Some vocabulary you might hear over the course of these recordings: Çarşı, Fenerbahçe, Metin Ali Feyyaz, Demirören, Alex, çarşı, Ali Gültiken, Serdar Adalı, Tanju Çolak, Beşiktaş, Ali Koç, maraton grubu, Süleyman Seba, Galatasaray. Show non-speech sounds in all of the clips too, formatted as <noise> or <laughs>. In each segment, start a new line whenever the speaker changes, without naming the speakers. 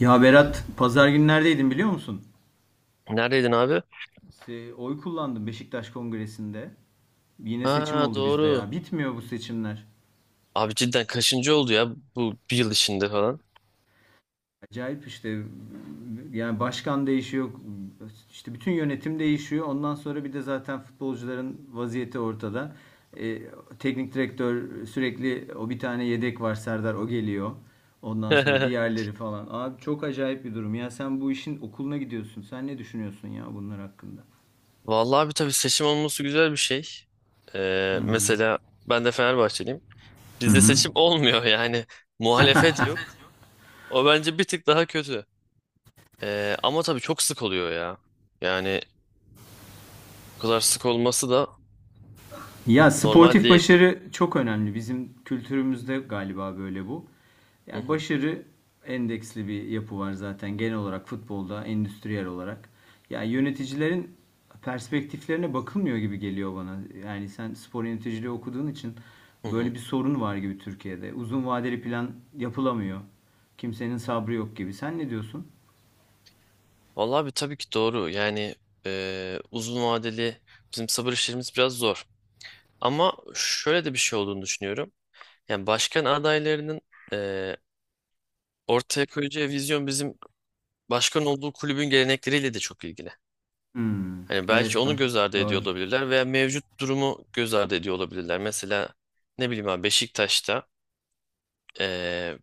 Ya Berat, pazar günü neredeydin biliyor musun?
Neredeydin abi?
Oy kullandım Beşiktaş Kongresi'nde. Yine seçim
Ha
oldu bizde
doğru.
ya. Bitmiyor bu seçimler.
Abi cidden kaçıncı oldu ya bu bir yıl içinde falan.
Acayip işte. Yani başkan değişiyor. İşte bütün yönetim değişiyor. Ondan sonra bir de zaten futbolcuların vaziyeti ortada. E, teknik direktör sürekli o bir tane yedek var Serdar o geliyor. Ondan sonra
<laughs>
diğerleri falan. Abi çok acayip bir durum. Ya sen bu işin okuluna gidiyorsun. Sen ne düşünüyorsun ya bunlar hakkında?
Vallahi abi tabii seçim olması güzel bir şey. Mesela ben de Fenerbahçeliyim. Bizde seçim <laughs> olmuyor yani. Muhalefet yok. O bence bir tık daha kötü. Ama tabii çok sık oluyor ya. Yani bu kadar sık olması da
Ya
normal
sportif
değil.
başarı çok önemli. Bizim kültürümüzde galiba böyle bu.
Hı
Ya
hı,
başarı endeksli bir yapı var zaten genel olarak futbolda, endüstriyel olarak. Ya yöneticilerin perspektiflerine bakılmıyor gibi geliyor bana. Yani sen spor yöneticiliği okuduğun için
hı
böyle
hı.
bir sorun var gibi Türkiye'de. Uzun vadeli plan yapılamıyor. Kimsenin sabrı yok gibi. Sen ne diyorsun?
Vallahi abi tabii ki doğru. Yani uzun vadeli bizim sabır işlerimiz biraz zor. Ama şöyle de bir şey olduğunu düşünüyorum. Yani başkan adaylarının eee, ortaya koyacağı vizyon bizim başkan olduğu kulübün gelenekleriyle de çok ilgili.
Hmm,
Hani belki
evet
onu
bak.
göz ardı ediyor
Doğru.
olabilirler veya mevcut durumu göz ardı ediyor olabilirler. Mesela ne bileyim abi Beşiktaş'ta eee,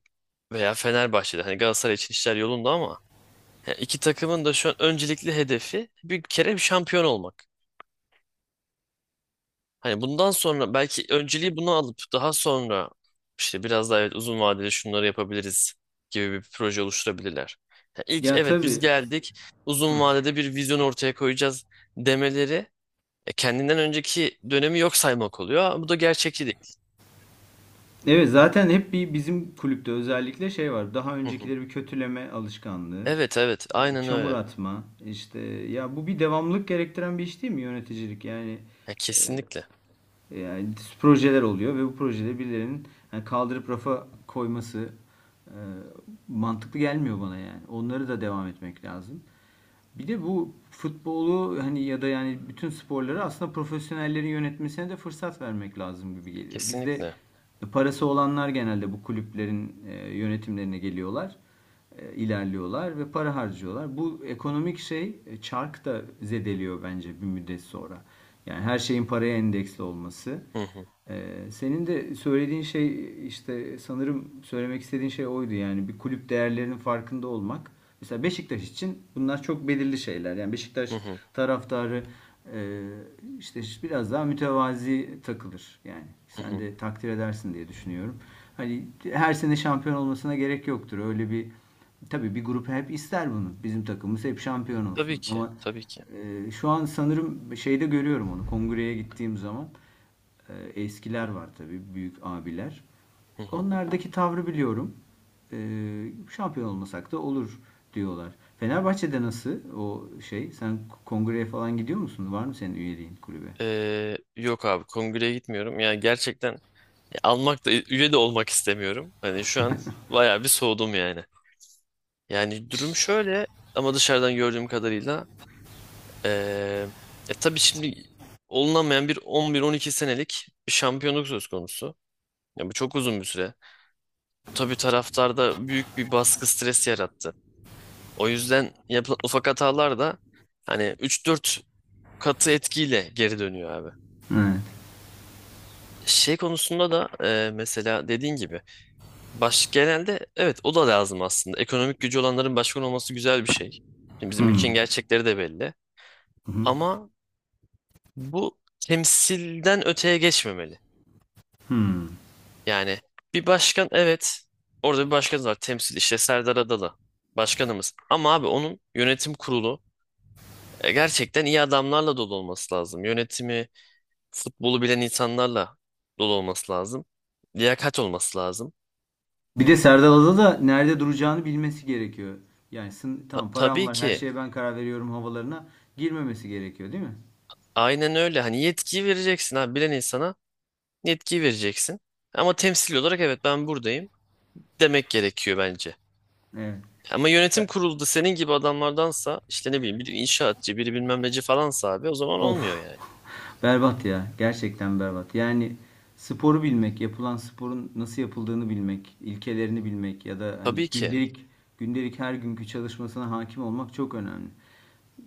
veya Fenerbahçe'de hani Galatasaray için işler yolunda ama yani iki takımın da şu an öncelikli hedefi bir kere bir şampiyon olmak. Hani bundan sonra belki önceliği bunu alıp daha sonra işte biraz daha evet uzun vadede şunları yapabiliriz gibi bir proje oluşturabilirler. Ya İlk
Ya
evet biz
tabii.
geldik uzun
Hah.
vadede bir vizyon ortaya koyacağız demeleri kendinden önceki dönemi yok saymak oluyor. Ama bu da gerçekçi değil.
Evet zaten hep bir bizim kulüpte özellikle şey var. Daha
Hı hı.
öncekileri bir kötüleme alışkanlığı,
Evet evet aynen
çamur
öyle.
atma. İşte ya bu bir devamlılık gerektiren bir iş değil mi yöneticilik?
Ya
E,
kesinlikle
yani projeler oluyor ve bu projede birilerinin yani kaldırıp rafa koyması e, mantıklı gelmiyor bana yani. Onları da devam etmek lazım. Bir de bu futbolu hani ya da yani bütün sporları aslında profesyonellerin yönetmesine de fırsat vermek lazım gibi geliyor. Bizde
kesinlikle.
parası olanlar genelde bu kulüplerin yönetimlerine geliyorlar ilerliyorlar ve para harcıyorlar. Bu ekonomik şey çark da zedeliyor bence bir müddet sonra. Yani her şeyin paraya endeksli olması.
Hı hı,
E, senin de söylediğin şey işte sanırım söylemek istediğin şey oydu yani bir kulüp değerlerinin farkında olmak. Mesela Beşiktaş için bunlar çok belirli şeyler. Yani
hı
Beşiktaş
hı,
taraftarı e, işte biraz daha mütevazi takılır. Yani
hı
sen
hı.
de takdir edersin diye düşünüyorum. Hani her sene şampiyon olmasına gerek yoktur. Öyle bir tabii bir grup hep ister bunu. Bizim takımımız hep şampiyon
Tabii
olsun.
ki
Ama
tabii ki.
şu an sanırım şeyde görüyorum onu. Kongreye gittiğim zaman eskiler var tabii büyük abiler.
Hı hı.
Onlardaki tavrı biliyorum. Şampiyon olmasak da olur diyorlar. Fenerbahçe'de nasıl o şey? Sen kongreye falan gidiyor musun? Var mı senin üyeliğin kulübe?
Yok abi kongreye gitmiyorum. Yani gerçekten almak da üye de olmak istemiyorum. Hani şu an bayağı bir soğudum yani. Yani durum şöyle ama dışarıdan gördüğüm kadarıyla eee tabii şimdi olunamayan bir 11-12 senelik bir şampiyonluk söz konusu. Ya bu çok uzun bir süre. Bu tabii taraftarda büyük bir baskı stres yarattı. O yüzden yapılan ufak hatalar da hani 3-4 katı etkiyle geri dönüyor abi.
He.
Şey konusunda da mesela dediğin gibi baş genelde evet o da lazım aslında. Ekonomik gücü olanların başkan olması güzel bir şey. Şimdi bizim ülkenin gerçekleri de belli. Ama bu temsilden öteye geçmemeli. Yani bir başkan evet orada bir başkanımız var temsil işte Serdar Adalı başkanımız. Ama abi onun yönetim kurulu gerçekten iyi adamlarla dolu olması lazım. Yönetimi futbolu bilen insanlarla dolu olması lazım. Liyakat olması lazım.
Bir de Serdal da nerede duracağını bilmesi gerekiyor. Yani tamam param
Tabii
var her
ki
şeye ben karar veriyorum havalarına girmemesi gerekiyor değil mi?
aynen öyle hani yetkiyi vereceksin abi bilen insana. Yetkiyi vereceksin. Ama temsil olarak evet ben buradayım demek gerekiyor bence.
Evet.
Ama yönetim
Ya,
kurulunda senin gibi adamlardansa işte ne bileyim biri inşaatçı biri bilmem neci falansa abi o zaman olmuyor
of.
yani.
Berbat ya. Gerçekten berbat. Yani sporu bilmek, yapılan sporun nasıl yapıldığını bilmek, ilkelerini bilmek ya da hani
Tabii ki
gündelik her günkü çalışmasına hakim olmak çok önemli.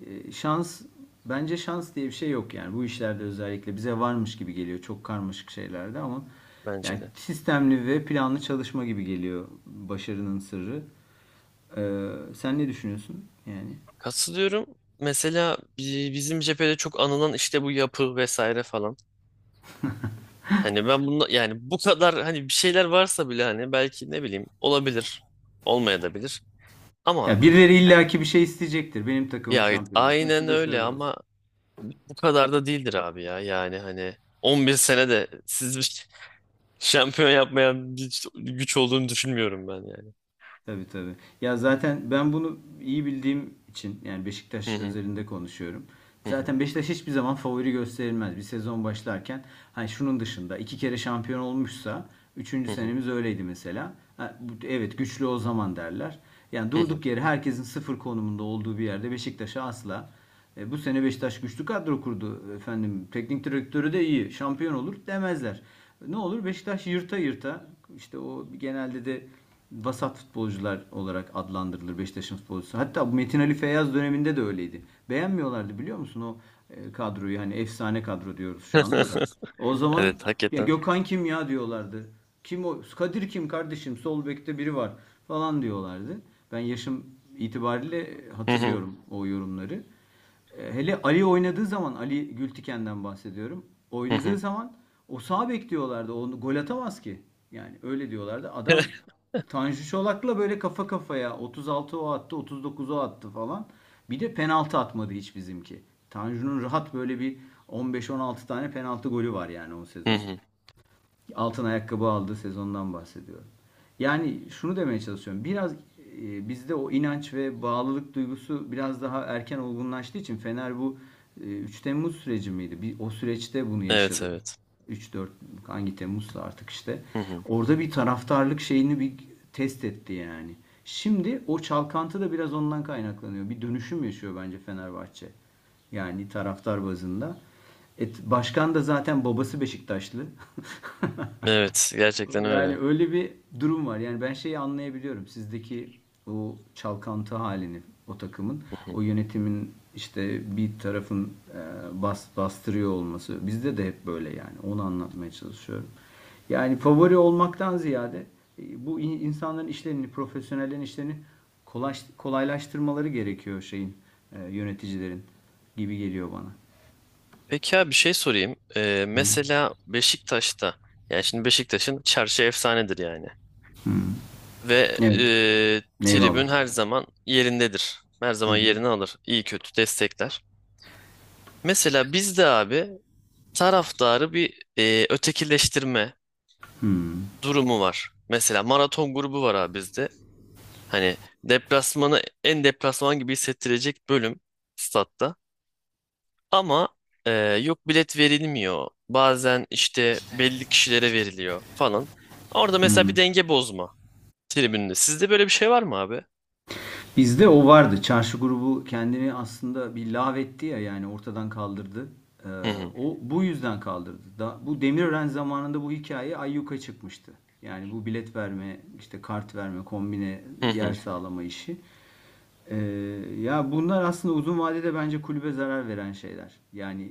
Şans bence şans diye bir şey yok yani bu işlerde özellikle bize varmış gibi geliyor çok karmaşık şeylerde ama
bence
yani
de.
sistemli ve planlı çalışma gibi geliyor başarının sırrı. Sen ne düşünüyorsun yani?
Katılıyorum. Mesela bizim cephede çok anılan işte bu yapı vesaire falan. Hani ben bunu yani bu kadar hani bir şeyler varsa bile hani belki ne bileyim olabilir olmayabilir ama
Ya birileri
yani,
illaki bir şey isteyecektir. Benim takımım
ya
şampiyon olsun. Şu
aynen
da
öyle
şöyle olsun.
ama bu kadar da değildir abi ya. Yani hani 11 sene de siz bir <laughs> şampiyon yapmayan bir güç olduğunu düşünmüyorum ben yani.
Tabii tabii. Ya zaten ben bunu iyi bildiğim için yani
Hı
Beşiktaş
hı,
özelinde konuşuyorum.
hı hı,
Zaten Beşiktaş hiçbir zaman favori gösterilmez. Bir sezon başlarken hani şunun dışında iki kere şampiyon olmuşsa üçüncü
hı hı,
senemiz öyleydi mesela. Ha, evet güçlü o zaman derler. Yani
hı hı.
durduk yere herkesin sıfır konumunda olduğu bir yerde Beşiktaş'a asla. E, bu sene Beşiktaş güçlü kadro kurdu efendim. Teknik direktörü de iyi. Şampiyon olur demezler. Ne olur Beşiktaş yırta yırta işte o genelde de vasat futbolcular olarak adlandırılır Beşiktaş'ın futbolcusu. Hatta Metin Ali Feyyaz döneminde de öyleydi. Beğenmiyorlardı biliyor musun o kadroyu hani efsane kadro diyoruz şu anda da. O zaman
Evet
ya
hakikaten.
Gökhan kim ya diyorlardı. Kim o? Kadir kim kardeşim? Sol bekte biri var falan diyorlardı. Ben yaşım itibariyle
Hı hı,
hatırlıyorum o yorumları. E, hele Ali oynadığı zaman Ali Gültiken'den bahsediyorum.
hı
Oynadığı
hı,
zaman o sağ bek diyorlardı. Onu gol atamaz ki. Yani öyle diyorlardı. Adam
<laughs>
Tanju Çolak'la böyle kafa kafaya 36 o attı, 39 o attı falan. Bir de penaltı atmadı hiç bizimki. Tanju'nun rahat böyle bir 15-16 tane penaltı golü var yani o
hı
sezon
hı.
altın ayakkabı aldığı sezondan bahsediyorum. Yani şunu demeye çalışıyorum. Biraz bizde o inanç ve bağlılık duygusu biraz daha erken olgunlaştığı için Fener bu 3 Temmuz süreci miydi? Bir, o süreçte bunu
Evet
yaşadı.
evet.
Üç dört hangi Temmuz'sa artık işte.
Hı hı.
Orada bir taraftarlık şeyini bir test etti yani. Şimdi o çalkantı da biraz ondan kaynaklanıyor. Bir dönüşüm yaşıyor bence Fenerbahçe. Yani taraftar bazında. Başkan da zaten babası Beşiktaşlı.
Evet
<laughs>
gerçekten öyle.
Yani
Hı
öyle bir durum var. Yani ben şeyi anlayabiliyorum. Sizdeki o çalkantı halini o takımın, o
hı.
yönetimin işte bir tarafın bastırıyor olması. Bizde de hep böyle yani. Onu anlatmaya çalışıyorum. Yani favori olmaktan ziyade bu insanların işlerini, profesyonellerin işlerini kolaylaştırmaları gerekiyor şeyin, yöneticilerin gibi geliyor bana.
Peki abi bir şey sorayım. Mesela Beşiktaş'ta yani şimdi Beşiktaş'ın çarşı efsanedir yani. Ve
Evet. Eyvallah.
tribün her zaman yerindedir. Her
Hı
zaman
hı.
yerini alır. İyi kötü destekler. Mesela bizde abi taraftarı bir ötekileştirme durumu var. Mesela maraton grubu var abi bizde. Hani deplasmanı en deplasman gibi hissettirecek bölüm statta. Ama e, yok bilet verilmiyor. Bazen işte belli kişilere veriliyor falan. Orada mesela bir denge bozma tribünde. Sizde böyle bir şey var mı abi?
Bizde o vardı. Çarşı grubu kendini aslında bir lağvetti ya yani ortadan kaldırdı. Ee,
Hı hı
o bu yüzden kaldırdı. Da, bu Demirören zamanında bu hikaye ayyuka çıkmıştı. Yani bu bilet verme, işte kart verme, kombine
hı
yer
hı
sağlama işi. Ee, ya bunlar aslında uzun vadede bence kulübe zarar veren şeyler. Yani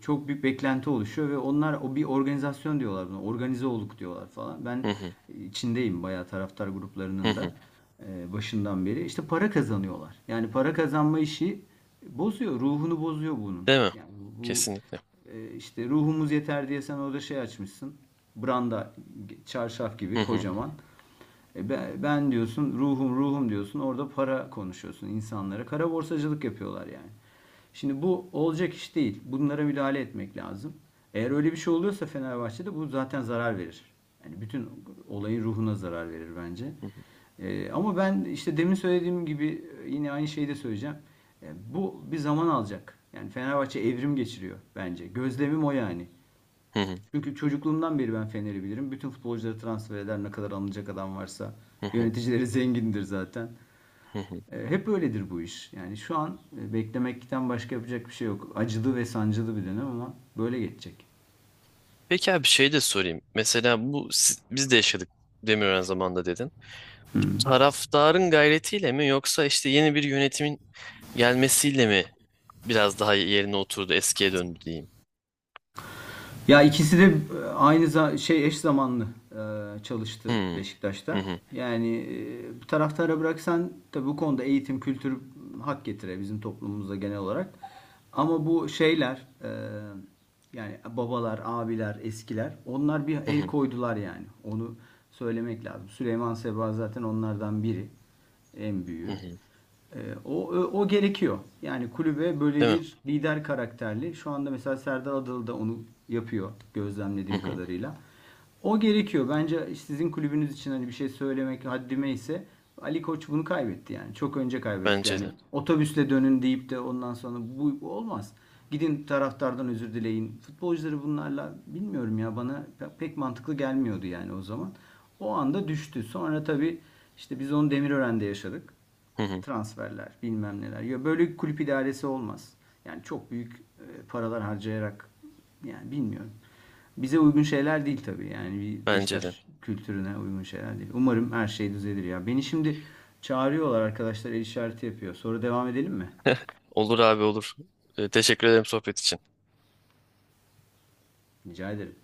çok büyük beklenti oluşuyor ve onlar o bir organizasyon diyorlar buna. Organize olduk diyorlar falan. Ben
hı hı
içindeyim bayağı taraftar
hı.
gruplarının da
Hı.
başından beri. İşte para kazanıyorlar. Yani para kazanma işi bozuyor. Ruhunu bozuyor bunun.
Değil mi?
Yani bu
Kesinlikle.
işte ruhumuz yeter diye sen orada şey açmışsın. Branda çarşaf
Hı
gibi
hı
kocaman. E ben diyorsun ruhum ruhum diyorsun orada para konuşuyorsun insanlara. Kara borsacılık yapıyorlar yani. Şimdi bu olacak iş değil. Bunlara müdahale etmek lazım. Eğer öyle bir şey oluyorsa Fenerbahçe'de bu zaten zarar verir. Yani bütün olayın ruhuna zarar verir bence.
hı
E, ama ben işte demin söylediğim gibi yine aynı şeyi de söyleyeceğim. E, bu bir zaman alacak. Yani Fenerbahçe evrim geçiriyor bence. Gözlemim o yani.
hı hı
Çünkü çocukluğumdan beri ben Fener'i bilirim. Bütün futbolcuları transfer eder ne kadar alınacak adam varsa.
hı hı.
Yöneticileri <laughs> zengindir zaten.
Hı hı.
E, hep öyledir bu iş. Yani şu an beklemekten başka yapacak bir şey yok. Acılı ve sancılı bir dönem ama böyle geçecek.
Peki abi şey de sorayım. Mesela bu biz de yaşadık Demirören zamanında dedin. Bu taraftarın gayretiyle mi yoksa işte yeni bir yönetimin gelmesiyle mi biraz daha yerine oturdu, eskiye döndü diyeyim.
Ya ikisi de aynı şey eş zamanlı e, çalıştı
Hmm, hı
Beşiktaş'ta.
hı.
Yani taraftara bıraksan tabii bu konuda eğitim, kültür hak getire bizim toplumumuzda genel olarak. Ama bu şeyler yani babalar, abiler, eskiler onlar bir
Hı
el
hı.
koydular yani. Onu söylemek lazım. Süleyman Seba zaten onlardan biri en
Hı
büyüğü.
hı.
E, o, o, o gerekiyor. Yani kulübe böyle
Değil mi?
bir lider karakterli. Şu anda mesela Serdar Adalı da onu yapıyor
Hı
gözlemlediğim
hı.
kadarıyla. O gerekiyor. Bence sizin kulübünüz için hani bir şey söylemek haddime ise Ali Koç bunu kaybetti yani. Çok önce kaybetti
Bence
yani.
de.
Otobüsle dönün deyip de ondan sonra bu olmaz. Gidin taraftardan özür dileyin. Futbolcuları bunlarla bilmiyorum ya bana pek mantıklı gelmiyordu yani o zaman. O anda düştü. Sonra tabii işte biz onu Demirören'de yaşadık.
Hı hı.
Transferler, bilmem neler. Ya böyle kulüp idaresi olmaz. Yani çok büyük paralar harcayarak yani bilmiyorum. Bize uygun şeyler değil tabii. Yani bir
Bence de.
Beşiktaş kültürüne uygun şeyler değil. Umarım her şey düzelir ya. Beni şimdi çağırıyorlar arkadaşlar el işareti yapıyor. Sonra devam edelim mi?
Olur abi olur. Teşekkür ederim sohbet için.
Rica ederim.